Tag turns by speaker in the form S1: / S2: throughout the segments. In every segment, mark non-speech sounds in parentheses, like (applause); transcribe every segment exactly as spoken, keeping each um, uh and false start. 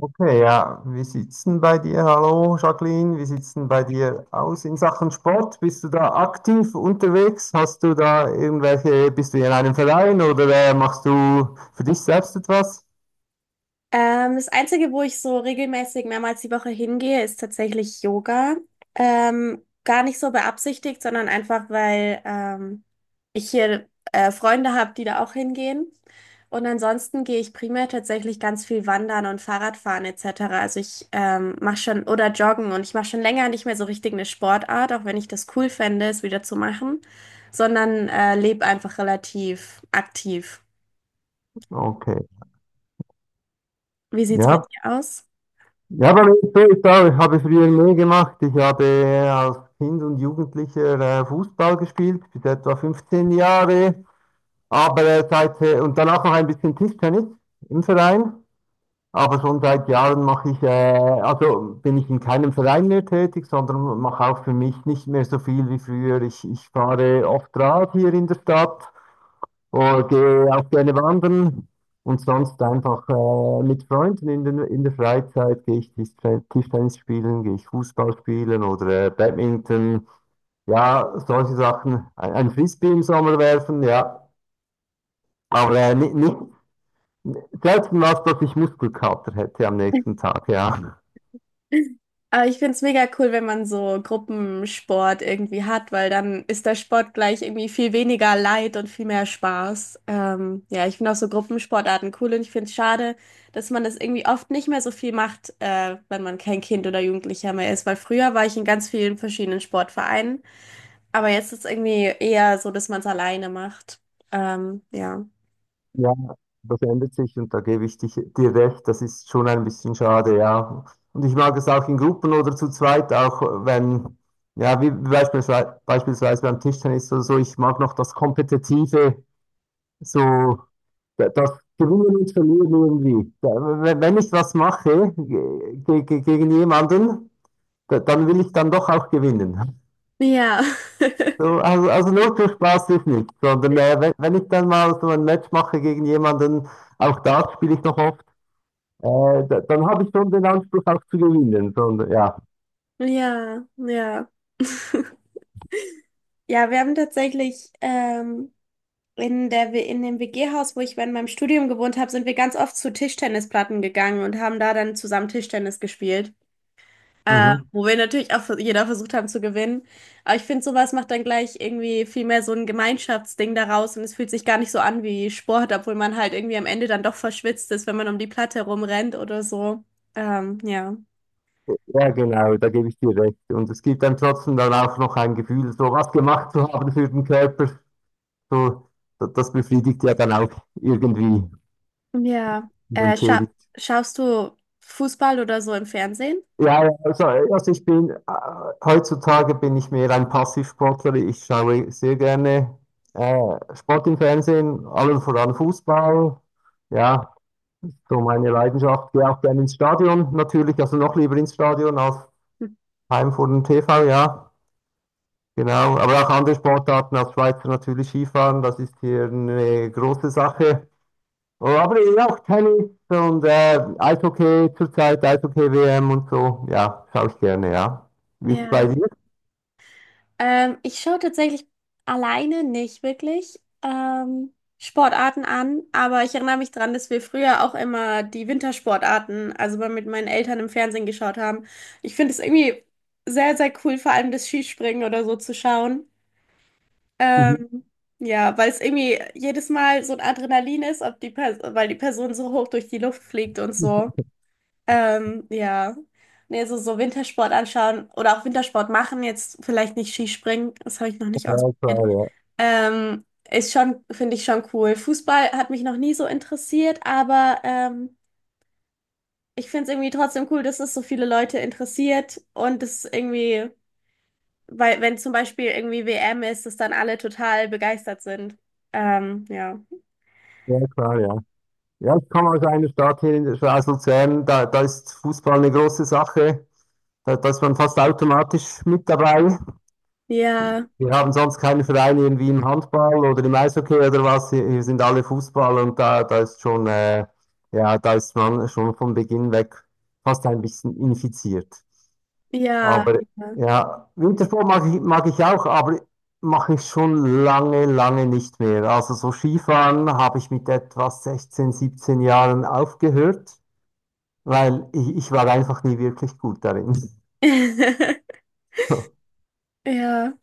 S1: Okay, ja. Wie sieht's denn bei dir? Hallo Jacqueline, wie sieht's denn bei dir aus in Sachen Sport? Bist du da aktiv unterwegs? Hast du da irgendwelche, bist du in einem Verein oder äh, machst du für dich selbst etwas?
S2: Ähm, das Einzige, wo ich so regelmäßig mehrmals die Woche hingehe, ist tatsächlich Yoga. Ähm, gar nicht so beabsichtigt, sondern einfach, weil ähm, ich hier äh, Freunde habe, die da auch hingehen. Und ansonsten gehe ich primär tatsächlich ganz viel wandern und Fahrradfahren et cetera. Also ich ähm, mache schon oder joggen und ich mache schon länger nicht mehr so richtig eine Sportart, auch wenn ich das cool fände, es wieder zu machen, sondern äh, lebe einfach relativ aktiv.
S1: Okay,
S2: Wie sieht's bei
S1: ja.
S2: dir aus?
S1: Ja, bei mir ist es auch, ich habe früher mehr gemacht. Ich habe äh, als Kind und Jugendlicher äh, Fußball gespielt, bis etwa fünfzehn Jahre. Aber äh, seit, äh, und danach noch ein bisschen Tischtennis im Verein. Aber schon seit Jahren mache ich, äh, also bin ich in keinem Verein mehr tätig, sondern mache auch für mich nicht mehr so viel wie früher. Ich, ich fahre oft Rad hier in der Stadt oder gehe auch gerne wandern und sonst einfach äh, mit Freunden in, den, in der Freizeit gehe ich Tischten- Tischtennis spielen, gehe ich Fußball spielen oder äh, Badminton. Ja, solche Sachen. Ein, ein Frisbee im Sommer werfen, ja. Aber äh, nicht, nicht selten was, dass ich Muskelkater hätte am nächsten Tag, ja.
S2: Aber ich finde es mega cool, wenn man so Gruppensport irgendwie hat, weil dann ist der Sport gleich irgendwie viel weniger Leid und viel mehr Spaß. Ähm, ja, ich finde auch so Gruppensportarten cool und ich finde es schade, dass man das irgendwie oft nicht mehr so viel macht, äh, wenn man kein Kind oder Jugendlicher mehr ist, weil früher war ich in ganz vielen verschiedenen Sportvereinen, aber jetzt ist irgendwie eher so, dass man es alleine macht. Ähm, ja.
S1: Ja, das ändert sich und da gebe ich dich, dir recht, das ist schon ein bisschen schade, ja. Und ich mag es auch in Gruppen oder zu zweit, auch wenn, ja, wie beispielsweise, beispielsweise beim Tischtennis oder so, ich mag noch das Kompetitive, so da- das Gewinnen und Verlieren irgendwie. Da- Wenn wenn ich was mache ge- ge- ge- gegen jemanden, da- dann will ich dann doch auch gewinnen.
S2: Ja,
S1: So, also, also nur für Spaß ist nicht, sondern äh, wenn, wenn ich dann mal so ein Match mache gegen jemanden, auch da spiele ich noch oft. Äh, da, dann habe ich schon den Anspruch auch zu gewinnen. Sondern ja.
S2: (laughs) ja, ja. Ja, wir haben tatsächlich ähm, in der, W- in dem W G-Haus, wo ich während meinem Studium gewohnt habe, sind wir ganz oft zu Tischtennisplatten gegangen und haben da dann zusammen Tischtennis gespielt. Äh,
S1: Mhm.
S2: wo wir natürlich auch vers- jeder versucht haben zu gewinnen. Aber ich finde, sowas macht dann gleich irgendwie viel mehr so ein Gemeinschaftsding daraus und es fühlt sich gar nicht so an wie Sport, obwohl man halt irgendwie am Ende dann doch verschwitzt ist, wenn man um die Platte rumrennt oder so. Ähm, ja.
S1: Ja, genau, da gebe ich dir recht. Und es gibt einem trotzdem dann auch noch ein Gefühl, so was gemacht zu haben für den Körper. So, da- das befriedigt ja dann auch irgendwie
S2: Ja.
S1: und
S2: Äh, scha
S1: entschädigt.
S2: schaust du Fußball oder so im Fernsehen?
S1: Ja, ja, also, also ich bin, äh, heutzutage bin ich mehr ein Passivsportler. Ich schaue sehr gerne äh, Sport im Fernsehen, allen voran Fußball. Ja, so meine Leidenschaft. Gehe auch gerne ins Stadion natürlich, also noch lieber ins Stadion als
S2: Hm.
S1: heim Heimfurt und T V, ja, genau. Aber auch andere Sportarten als Schweizer natürlich Skifahren, das ist hier eine große Sache. Oh, aber eben auch Tennis und äh, Eishockey zurzeit, Eishockey-W M und so, ja, schaue ich gerne, ja. Wie ist es bei
S2: Ja.
S1: dir?
S2: Ähm, ich schaue tatsächlich alleine nicht wirklich ähm, Sportarten an, aber ich erinnere mich daran, dass wir früher auch immer die Wintersportarten, also mal mit meinen Eltern im Fernsehen geschaut haben. Ich finde es irgendwie sehr, sehr cool, vor allem das Skispringen oder so zu schauen.
S1: Mhm.
S2: Ähm, ja, weil es irgendwie jedes Mal so ein Adrenalin ist, ob die Pers- weil die Person so hoch durch die Luft fliegt und so. Ähm, ja. Nee, so, so Wintersport anschauen oder auch Wintersport machen, jetzt vielleicht nicht Skispringen, das habe ich noch nicht
S1: Ja, klar,
S2: ausprobiert.
S1: ja.
S2: Ähm, ist schon, finde ich schon cool. Fußball hat mich noch nie so interessiert, aber ähm, ich finde es irgendwie trotzdem cool, dass es so viele Leute interessiert und es irgendwie, weil wenn zum Beispiel irgendwie W M ist, dass dann alle total begeistert sind. Ähm, ja.
S1: Ja, klar, ja. Ja, ich komme aus einer Stadt hier in der Schweiz, Luzern, da, da ist Fußball eine große Sache. Da, da ist man fast automatisch mit dabei.
S2: Ja,
S1: Wir haben sonst keine Vereine irgendwie im Handball oder im Eishockey oder was. Hier hier sind alle Fußball und da, da ist schon, äh, ja, da ist man schon von Beginn weg fast ein bisschen infiziert.
S2: ja,
S1: Aber
S2: ja.
S1: ja, Wintersport mag ich, mag ich auch, aber mache ich schon lange, lange nicht mehr. Also so Skifahren habe ich mit etwa sechzehn, siebzehn Jahren aufgehört, weil ich, ich war einfach nie wirklich gut darin.
S2: (laughs)
S1: (laughs)
S2: Ja,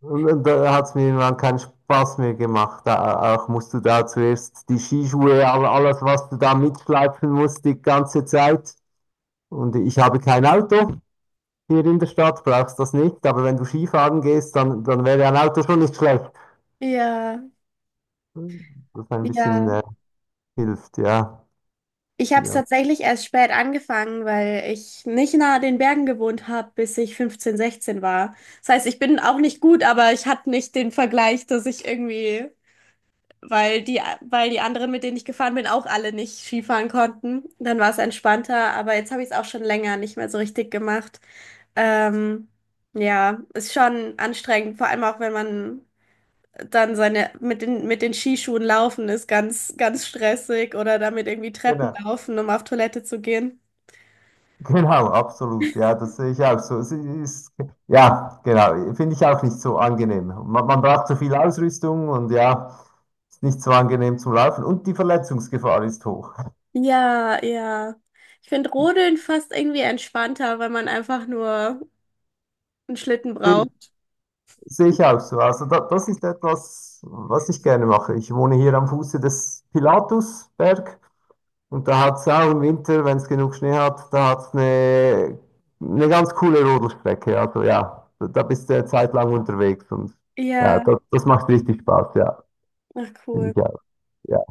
S1: Und da hat es mir irgendwann keinen Spaß mehr gemacht. Da, auch musst du da zuerst die Skischuhe, all- alles, was du da mitschleifen musst, die ganze Zeit. Und ich habe kein Auto hier in der Stadt, brauchst das nicht. Aber wenn du Skifahren gehst, dann, dann wäre ein Auto schon nicht schlecht.
S2: ja,
S1: Das ein
S2: ja.
S1: bisschen äh, hilft, ja.
S2: Ich
S1: Die
S2: habe es
S1: ganze
S2: tatsächlich erst spät angefangen, weil ich nicht nahe den Bergen gewohnt habe, bis ich fünfzehn sechzehn war. Das heißt, ich bin auch nicht gut, aber ich hatte nicht den Vergleich, dass ich irgendwie, weil die, weil die anderen, mit denen ich gefahren bin, auch alle nicht Skifahren konnten. Dann war es entspannter, aber jetzt habe ich es auch schon länger nicht mehr so richtig gemacht. Ähm, ja, ist schon anstrengend, vor allem auch wenn man dann seine mit den, mit den Skischuhen laufen ist ganz, ganz stressig oder damit irgendwie Treppen
S1: Genau.
S2: laufen, um auf Toilette zu gehen.
S1: Genau, absolut. Ja, das sehe ich auch so. Es ist, ja, genau. Finde ich auch nicht so angenehm. Man, man braucht so viel Ausrüstung und ja, ist nicht so angenehm zum Laufen. Und die Verletzungsgefahr ist hoch.
S2: Ja, ja. Ich finde Rodeln fast irgendwie entspannter, weil man einfach nur einen Schlitten
S1: Sehe
S2: braucht.
S1: Sehe ich auch so. Also da, das ist etwas, was ich gerne mache. Ich wohne hier am Fuße des Pilatusberg und da hat es auch im Winter, wenn es genug Schnee hat, da hat es eine, eine ganz coole Rodelstrecke. Also ja, da da bist du eine Zeit lang unterwegs und ja,
S2: Ja,
S1: das, das macht richtig Spaß, ja.
S2: ach
S1: Finde
S2: cool.
S1: ich ja, ja,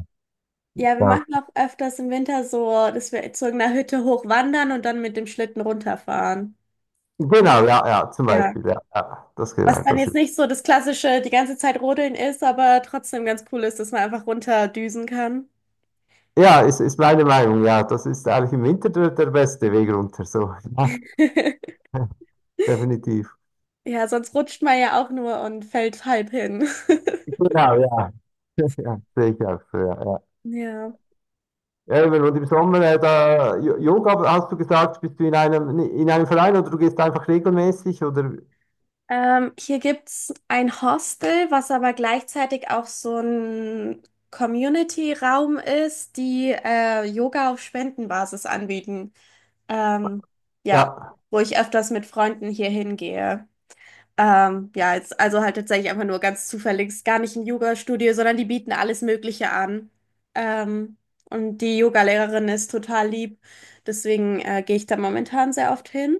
S2: Ja, wir
S1: ja.
S2: machen auch öfters im Winter so, dass wir zu irgendeiner Hütte hochwandern und dann mit dem Schlitten runterfahren.
S1: Genau, ja, ja, zum
S2: Ja.
S1: Beispiel, ja, ja, das genau,
S2: Was dann
S1: das
S2: jetzt
S1: ist.
S2: nicht so das klassische die ganze Zeit Rodeln ist, aber trotzdem ganz cool ist, dass man einfach runterdüsen kann.
S1: Ja, ist, ist meine Meinung, ja, das ist eigentlich im Winter der, der beste Weg runter, so, ja,
S2: (laughs)
S1: (laughs) definitiv.
S2: Ja, sonst rutscht man ja auch nur und fällt halb hin. (laughs)
S1: Genau, ja, ja, sehe ich auch so, ja, ja.
S2: Ja.
S1: Ja, eben, und im Sommer, äh, da, Jo- Yoga, hast du gesagt, bist du in einem, in einem Verein oder du gehst einfach regelmäßig oder,
S2: Ähm, hier gibt's ein Hostel, was aber gleichzeitig auch so ein Community-Raum ist, die äh, Yoga auf Spendenbasis anbieten. Ähm, ja,
S1: ja,
S2: wo ich öfters mit Freunden hier hingehe. Ähm, ja, jetzt, also halt tatsächlich einfach nur ganz zufällig, ist gar nicht ein Yoga-Studio, sondern die bieten alles Mögliche an. Ähm, und die Yoga-Lehrerin ist total lieb, deswegen äh, gehe ich da momentan sehr oft hin.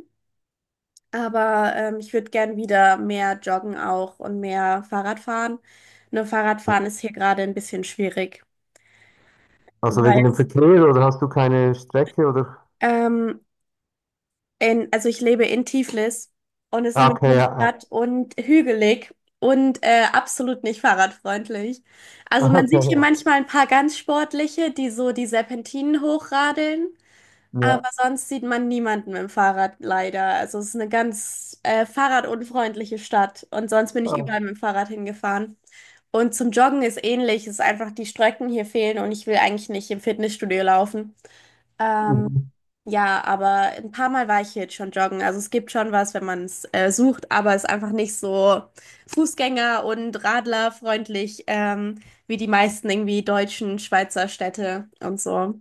S2: Aber ähm, ich würde gern wieder mehr joggen auch und mehr Fahrrad fahren. Nur Fahrradfahren ist hier gerade ein bisschen schwierig,
S1: also
S2: weil
S1: wegen dem Verkehr oder hast du keine Strecke oder,
S2: ähm, In, also ich lebe in Tiflis und es ist
S1: Ah,
S2: eine
S1: okay, ja, ja.
S2: Millionenstadt und hügelig und äh, absolut nicht fahrradfreundlich.
S1: (laughs)
S2: Also man
S1: Okay,
S2: sieht hier
S1: ja,
S2: manchmal ein paar ganz sportliche, die so die Serpentinen hochradeln,
S1: ja.
S2: aber sonst sieht man niemanden mit dem Fahrrad leider. Also es ist eine ganz äh, fahrradunfreundliche Stadt und sonst bin ich
S1: Oh,
S2: überall mit dem Fahrrad hingefahren. Und zum Joggen ist ähnlich, es ist einfach die Strecken hier fehlen und ich will eigentlich nicht im Fitnessstudio laufen. Ähm,
S1: mhm.
S2: ja, aber ein paar Mal war ich hier jetzt schon joggen. Also es gibt schon was, wenn man es äh, sucht, aber es ist einfach nicht so Fußgänger- und Radlerfreundlich ähm, wie die meisten irgendwie deutschen Schweizer Städte und so.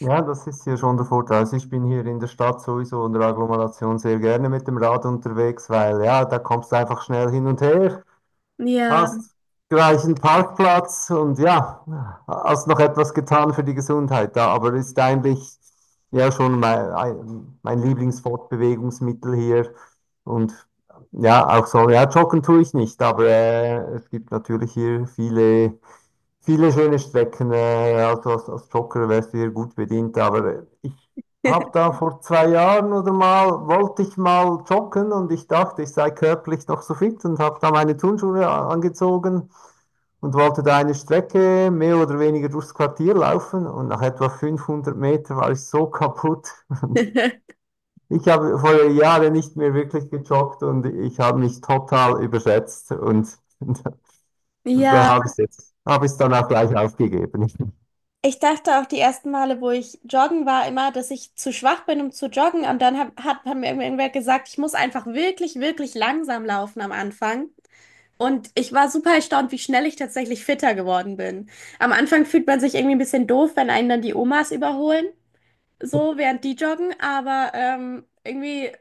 S1: Ja, das ist hier schon der Vorteil. Also ich bin hier in der Stadt sowieso in der Agglomeration sehr gerne mit dem Rad unterwegs, weil ja, da kommst du einfach schnell hin und her.
S2: Ja.
S1: Hast gleichen Parkplatz und ja, hast noch etwas getan für die Gesundheit da, aber ist eigentlich ja schon mein, ein- mein Lieblingsfortbewegungsmittel hier. Und ja, auch so, ja, joggen tue ich nicht, aber äh, es gibt natürlich hier viele, viele schöne Strecken. Äh, also als, als Jogger wärst du hier gut bedient, aber ich hab da vor zwei Jahren oder mal, wollte ich mal joggen und ich dachte, ich sei körperlich noch so fit und habe da meine Turnschuhe angezogen und wollte da eine Strecke mehr oder weniger durchs Quartier laufen und nach etwa fünfhundert Metern war ich so (laughs) kaputt.
S2: (laughs)
S1: Ich habe vor Jahren nicht mehr wirklich gejoggt und ich habe mich total überschätzt und (laughs) da
S2: Ja,
S1: habe ich es jetzt, habe ich es dann auch gleich aufgegeben.
S2: ich dachte auch die ersten Male, wo ich joggen war, immer, dass ich zu schwach bin, um zu joggen. Und dann hab, hat, hat mir irgendwer gesagt, ich muss einfach wirklich, wirklich langsam laufen am Anfang. Und ich war super erstaunt, wie schnell ich tatsächlich fitter geworden bin. Am Anfang fühlt man sich irgendwie ein bisschen doof, wenn einen dann die Omas überholen, so während die joggen, aber ähm, irgendwie,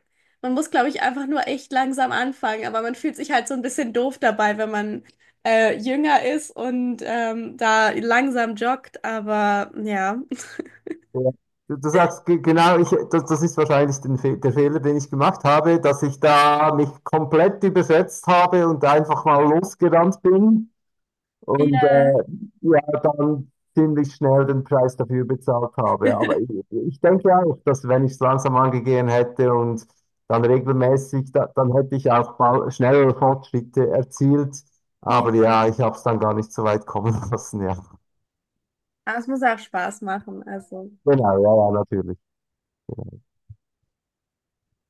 S2: man muss, glaube ich, einfach nur echt langsam anfangen. Aber man fühlt sich halt so ein bisschen doof dabei, wenn man äh, jünger ist und ähm, da langsam joggt. Aber ja. (laughs)
S1: Ja. Du, du sagst ge- genau, ich, das, das ist wahrscheinlich den Fe der Fehler, den ich gemacht habe, dass ich da mich komplett überschätzt habe und einfach mal losgerannt bin und
S2: Ja,
S1: äh, ja, dann ziemlich schnell den Preis dafür bezahlt habe. Aber ich, ich denke auch, dass wenn ich es langsam angegangen hätte und dann regelmäßig, da, dann hätte ich auch mal schnellere Fortschritte erzielt. Aber
S2: ja.
S1: ja, ich habe es dann gar nicht so weit kommen (laughs) lassen. Ja,
S2: Aber es muss auch Spaß machen, also.
S1: genau, ja, ja, natürlich.